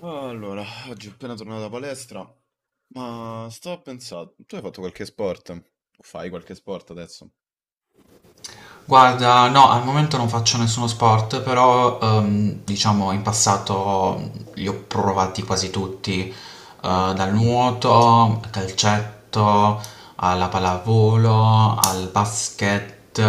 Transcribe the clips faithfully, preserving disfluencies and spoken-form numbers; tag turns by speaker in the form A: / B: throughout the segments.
A: Allora, oggi ho appena tornato da palestra, ma stavo a pensare, tu hai fatto qualche sport? O fai qualche sport adesso?
B: Guarda, no, al momento non faccio nessuno sport, però ehm, diciamo in passato li ho provati quasi tutti, eh,
A: Mm.
B: dal nuoto, al calcetto, alla pallavolo, al basket,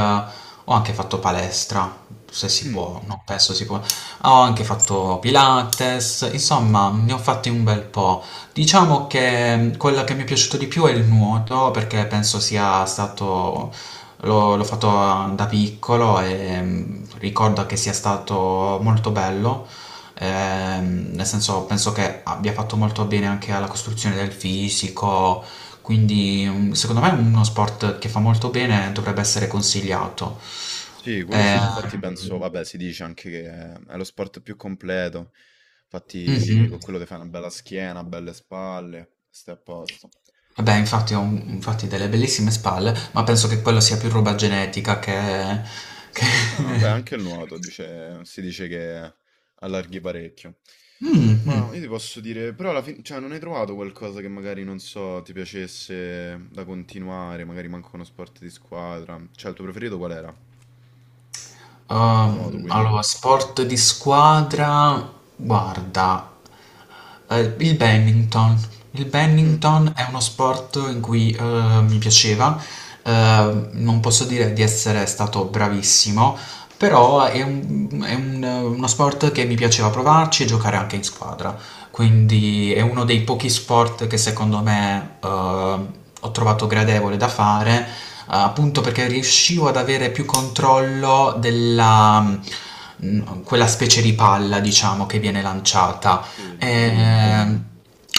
B: ho anche fatto palestra, se si
A: Mm.
B: può, no, penso si può, ho anche fatto Pilates, insomma ne ho fatti un bel po'. Diciamo che mh, quello che mi è piaciuto di più è il nuoto, perché penso sia stato, l'ho l'ho fatto mm, da piccolo e mh, ricordo che sia stato molto bello, ehm, nel senso penso che abbia fatto molto bene anche alla costruzione del fisico, quindi mh, secondo me è uno sport che fa molto bene e dovrebbe essere consigliato.
A: Sì, quello sì,
B: Eh,
A: infatti penso, vabbè, si dice anche che è lo sport più completo,
B: Sì, sì.
A: infatti
B: Mhm.
A: con quello ti fai una bella schiena, belle spalle, stai a posto.
B: Beh, infatti ha un- infatti delle bellissime spalle, ma penso che quello sia più roba genetica che che
A: Ah, beh, anche il nuoto dice- si dice che allarghi parecchio.
B: Mh, mh.
A: Ma io ti posso dire, però alla fine, cioè, non hai trovato qualcosa che magari, non so, ti piacesse da continuare, magari manco uno sport di squadra. Cioè, il tuo preferito qual era? Nuoto,
B: Ehm,
A: quindi.
B: allora, sport di squadra, guarda, eh, il badminton. Il
A: Mm.
B: badminton è uno sport in cui eh, mi piaceva, eh, non posso dire di essere stato bravissimo, però è un- è un- uno sport che mi piaceva provarci e giocare anche in squadra. Quindi è uno dei pochi sport che secondo me eh, ho trovato gradevole da fare, eh, appunto perché riuscivo ad avere più controllo della mh, quella specie di palla, diciamo, che viene lanciata.
A: Sì,
B: E,
A: il volano.
B: ehm,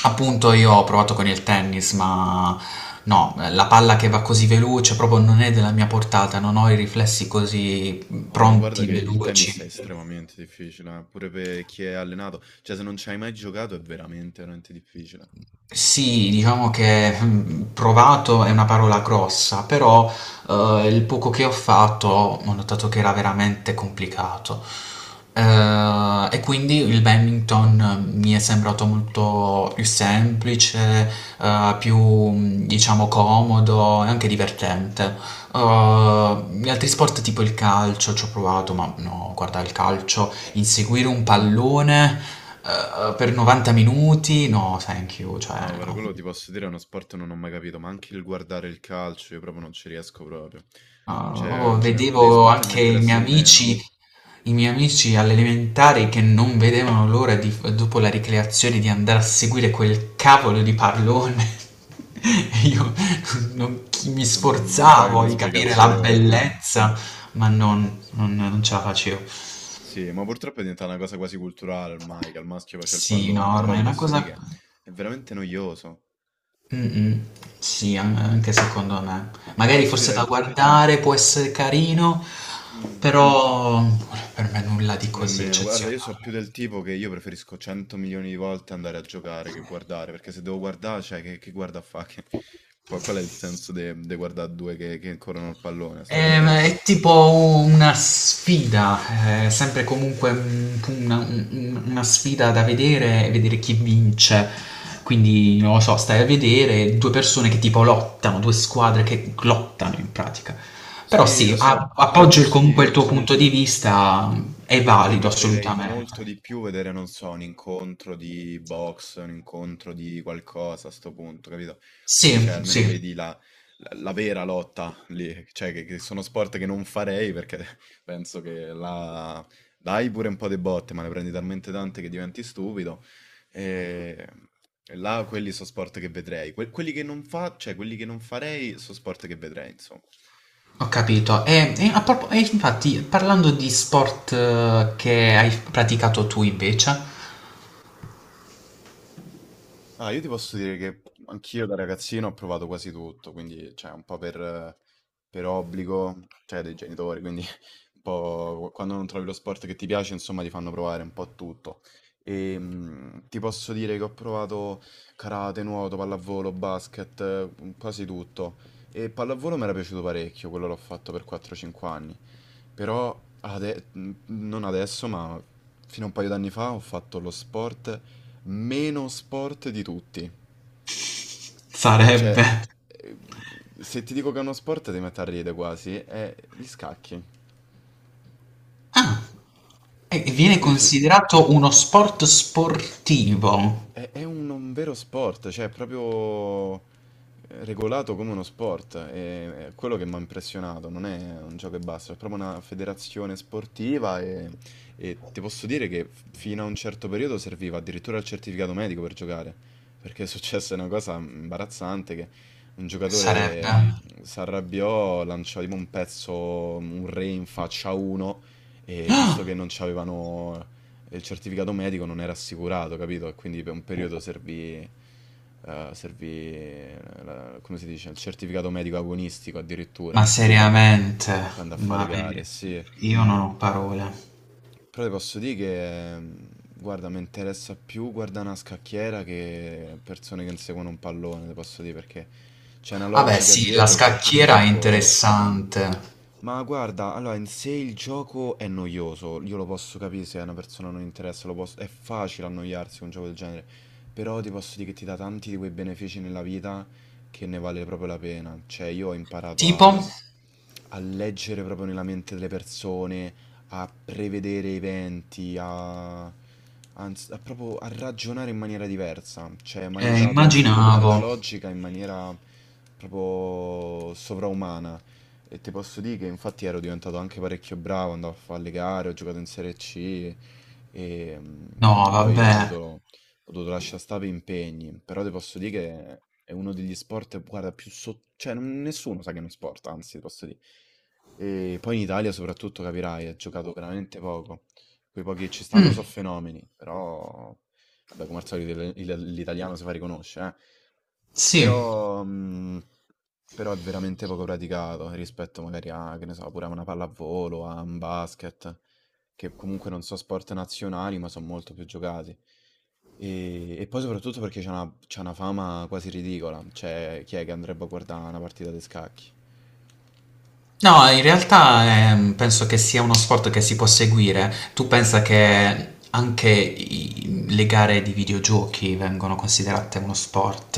B: appunto io ho provato con il tennis, ma no, la palla che va così veloce proprio non è della mia portata, non ho i riflessi così
A: No, ma guarda
B: pronti,
A: che il tennis è
B: veloci.
A: estremamente difficile, eh, pure per chi è allenato. Cioè, se non ci hai mai giocato è veramente, veramente difficile.
B: Sì, diciamo che mm, provato è una parola grossa, però eh, il poco che ho fatto ho notato che era veramente complicato. Eh, e quindi il badminton mm, mi è sembrato molto più semplice, eh, più mm, diciamo comodo e anche divertente. Eh, gli altri sport tipo il calcio ci ho provato, ma no, guarda, il calcio inseguire un pallone, uhm, per novanta minuti, no thank you, cioè
A: No, guarda,
B: no.
A: quello ti posso dire è uno sport che non ho mai capito, ma anche il guardare il calcio io proprio non ci riesco proprio.
B: No,
A: Cioè,
B: proprio
A: è uno degli
B: vedevo
A: sport che mi
B: anche i
A: interessa
B: miei
A: di meno.
B: amici i miei amici alle elementari che non vedevano l'ora di f dopo la ricreazione di andare a seguire quel cavolo di pallone e io non chi mi
A: Eh, Non, non trovi
B: sforzavo
A: una
B: di capire la
A: spiegazione, sì.
B: bellezza, ma non non non ce la facevo.
A: Sì, ma purtroppo è diventata una cosa quasi culturale ormai, che al maschio faccia il
B: Sì, no,
A: pallone, però
B: ormai è
A: ti
B: una
A: posso dire
B: cosa.
A: che è veramente noioso.
B: Mm-mm. Sì, an- anche secondo me.
A: Guarda,
B: Magari
A: tu
B: forse
A: dirai,
B: da guardare può essere carino,
A: "Mm,
B: però per me nulla di così
A: nemmeno, guarda, io so
B: eccezionale.
A: più del tipo che io preferisco cento milioni di volte andare a giocare che guardare, perché se devo guardare, cioè, che, che guarda a fa? Che- qual, qual è il senso di guardare due che, che corrono il pallone? A sto
B: Ehm,
A: punto,
B: È tipo una sfida, eh, sempre comunque un- una, un- una sfida da vedere, vedere chi vince. Quindi, non lo so, stai a vedere due persone che tipo lottano, due squadre che lottano in pratica. Però
A: sì,
B: sì,
A: lo
B: a-
A: so, però ti
B: appoggio il-
A: posso
B: comunque il
A: dire,
B: tuo punto di vista, è
A: cioè, io
B: valido
A: preferirei
B: assolutamente.
A: molto di più vedere, non so, un incontro di box, un incontro di qualcosa a sto punto, capito? Così, cioè,
B: Sì,
A: almeno
B: sì,
A: vedi la, la- la vera lotta lì, cioè, che, che sono sport che non farei perché penso che la... dai pure un po' di botte, ma ne prendi talmente tante che diventi stupido. E, e là quelli sono sport che vedrei. Que- quelli che non fa, cioè, quelli che non farei sono sport che vedrei, insomma.
B: ho capito. E, e a propo- e infatti, parlando di sport eh, che hai praticato tu invece,
A: Ah, io ti posso dire che anch'io da ragazzino ho provato quasi tutto, quindi cioè, un po' per, per obbligo, cioè dei genitori, quindi un po' quando non trovi lo sport che ti piace, insomma, ti fanno provare un po' tutto. E mh, ti posso dire che ho provato karate, nuoto, pallavolo, basket, eh, quasi tutto. E pallavolo mi era piaciuto parecchio, quello l'ho fatto per quattro a cinque anni. Però ade- n- non adesso, ma fino a un paio d'anni fa ho fatto lo sport meno sport di tutti.
B: sarebbe...
A: Cioè, eh, se ti dico che è uno sport ti metti a ridere quasi, è gli scacchi.
B: Ah, e
A: Che
B: viene
A: tu dici,
B: considerato uno sport sportivo,
A: È, è un, un vero sport, cioè è proprio eh, regolato come uno sport, è, è quello che mi ha impressionato, non è un gioco e basta, è proprio una federazione sportiva e, e ti posso dire che f- fino a un certo periodo serviva addirittura il certificato medico per giocare, perché è successa una cosa imbarazzante che un
B: sarebbe.
A: giocatore si arrabbiò, lanciò tipo un pezzo, un re in faccia a uno e visto che
B: Ah,
A: non c'avevano e il certificato medico non era assicurato, capito? E quindi per un periodo servì, eh, servì eh, la- come si dice, il certificato medico agonistico
B: ma
A: addirittura,
B: seriamente,
A: per andare a fare le
B: ma vedi,
A: gare, sì.
B: io non ho parole.
A: Però ti posso dire che, mh, guarda, mi interessa più guardare una scacchiera che persone che inseguono un pallone, ti posso dire, perché c'è una
B: Vabbè,
A: logica
B: sì, la
A: dietro che
B: scacchiera è
A: purtroppo...
B: interessante.
A: Ma guarda, allora in sé il gioco è noioso, io lo posso capire se a una persona non interessa, lo posso- è facile annoiarsi con un gioco del genere, però ti posso dire che ti dà tanti di quei benefici nella vita che ne vale proprio la pena, cioè io ho imparato
B: Tipo,
A: a, a leggere proprio nella mente delle persone, a prevedere eventi, a, anz- a proprio a ragionare in maniera diversa. Cioè, mi ha
B: eh,
A: aiutato a sviluppare la
B: immaginavo...
A: logica in maniera proprio sovraumana. E ti posso dire che infatti ero diventato anche parecchio bravo, andavo a fare le gare, ho giocato in Serie C e mm,
B: No,
A: poi ho
B: vabbè.
A: dovuto ho dovuto lasciare stare per impegni, però ti posso dire che è uno degli sport, guarda, più sotto... cioè non- nessuno sa che è uno sport, anzi, ti posso dire. E poi in Italia soprattutto, capirai, è giocato veramente poco. Quei pochi che ci stanno sono fenomeni, però... Vabbè, come al solito il- il- l'italiano si fa riconoscere, eh.
B: Sì,
A: Però, mm, però è veramente poco praticato rispetto magari a, che ne so, pure a una pallavolo, a un basket, che comunque non sono sport nazionali, ma sono molto più giocati. E e poi soprattutto perché c'è una c'è una fama quasi ridicola, cioè chi è che andrebbe a guarda' una partita di scacchi?
B: no, in realtà ehm, penso che sia uno sport che si può seguire. Tu pensa che anche i- le gare di videogiochi vengono considerate uno sport,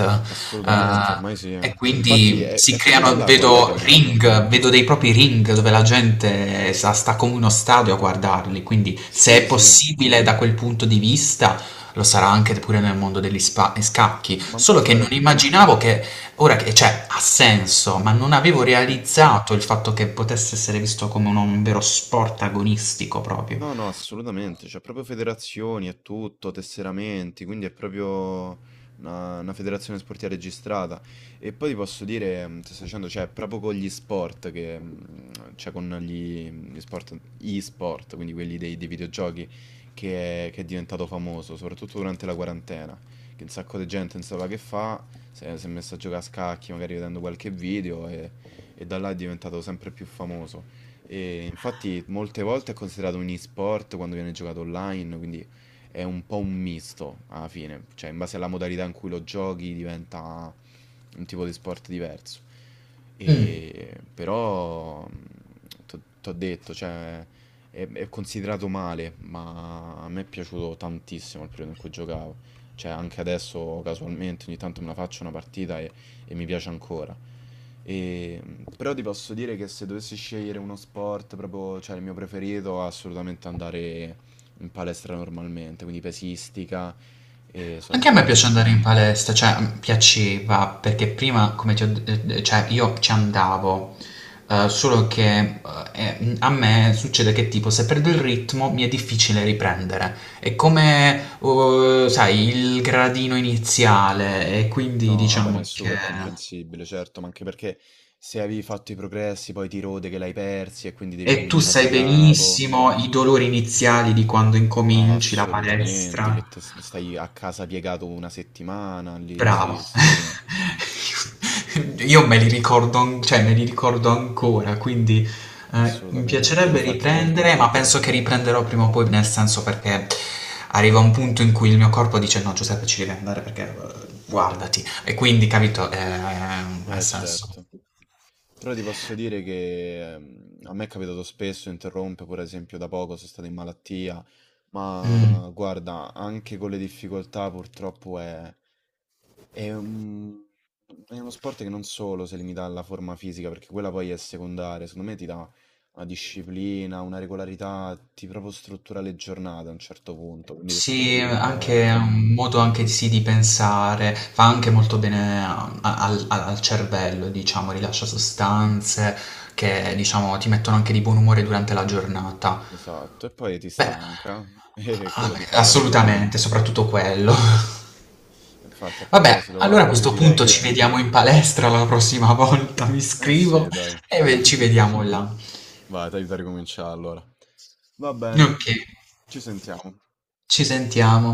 B: eh,
A: Assolutamente, ormai sì.
B: e
A: Infatti
B: quindi
A: è
B: si
A: è proprio da
B: creano,
A: là, guarda, che è
B: vedo
A: nato.
B: ring, vedo dei propri ring dove la gente sta, sta come uno stadio a guardarli. Quindi, se
A: Sì,
B: è
A: sì,
B: possibile da quel punto di vista, lo sarà anche pure nel mondo degli spa- scacchi.
A: ma
B: Solo
A: infatti
B: che non
A: guarda
B: immaginavo che ora che cioè, ha senso, ma non avevo
A: mh.
B: realizzato il fatto che potesse essere visto come un un vero sport agonistico proprio.
A: No, no, assolutamente, c'è proprio federazioni e tutto, tesseramenti, quindi è proprio una, una federazione sportiva registrata. E poi ti posso dire, mh, ti sto dicendo, cioè, proprio con gli sport, che, mh, cioè con gli, gli sport, e-sport, quindi quelli dei, dei videogiochi, che è, che è diventato famoso, soprattutto durante la quarantena, che un sacco di gente non sapeva che fa, si è, si è messa a giocare a scacchi, magari vedendo qualche video, e, e da là è diventato sempre più famoso. E infatti molte volte è considerato un e-sport quando viene giocato online, quindi è un po' un misto alla fine, cioè in base alla modalità in cui lo giochi diventa un tipo di sport diverso.
B: Mh.
A: E però ti ho detto, cioè è, è considerato male, ma a me è piaciuto tantissimo il periodo in cui giocavo. Cioè anche adesso casualmente ogni tanto me la faccio una partita e e mi piace ancora. E, però ti posso dire che se dovessi scegliere uno sport proprio, cioè il mio preferito, assolutamente andare in palestra normalmente, quindi pesistica, e so,
B: Anche a
A: due
B: me
A: anni...
B: piace andare in palestra, cioè, mhmm, piaceva perché prima come ti ho d ehm, d cioè io ci andavo, uhm, solo che, uhm, ehm, a me succede che tipo se perdo il ritmo mi è difficile riprendere. È come, uhm, sai il gradino iniziale e quindi
A: No, vabbè, ma è
B: diciamo che
A: super comprensibile, certo, ma anche perché se avevi fatto i progressi poi ti rode che l'hai persi e quindi devi
B: e tu
A: ricominciare da
B: sai
A: capo.
B: benissimo i dolori iniziali di quando incominci la
A: Assolutamente,
B: palestra.
A: che te s- stai a casa piegato una settimana lì,
B: Bravo.
A: sì, sì, sì,
B: Io me li ricordo, an- cioè me li ricordo ancora, quindi eh, mi
A: assolutamente. Io
B: piacerebbe
A: infatti, guarda.
B: riprendere, ma penso che riprenderò prima o poi, nel senso perché arriva un punto in cui il mio corpo dice no, Giuseppe, ci devi andare perché eh, guardati. E quindi, capito, eh, ha
A: Eh
B: senso.
A: certo, però ti posso dire che ehm, a me è capitato spesso, interrompe, per esempio da poco sono stato in malattia,
B: Mm.
A: ma guarda, anche con le difficoltà purtroppo è, è un- è uno sport che non solo si limita alla forma fisica, perché quella poi è secondaria, secondo me ti dà una disciplina, una regolarità, ti proprio struttura le giornate a un certo punto, quindi
B: Sì, anche è un
A: ehm,
B: modo anche sì di pensare, fa anche molto bene a- al, al- al cervello, diciamo, rilascia sostanze che, diciamo, ti mettono anche di buon umore durante la giornata.
A: esatto, e poi ti
B: Beh,
A: stanca e
B: a-
A: quello ti fa andare a dormire.
B: assolutamente, soprattutto quello.
A: Infatti, a
B: Vabbè,
A: proposito,
B: allora a
A: va, io
B: questo
A: direi
B: punto ci
A: che...
B: vediamo in palestra la prossima volta, mi
A: Eh
B: scrivo
A: sì, dai.
B: e ve- ci vediamo là.
A: Vai, ti aiuto a ricominciare allora. Va bene,
B: Ok,
A: ci sentiamo.
B: ci sentiamo.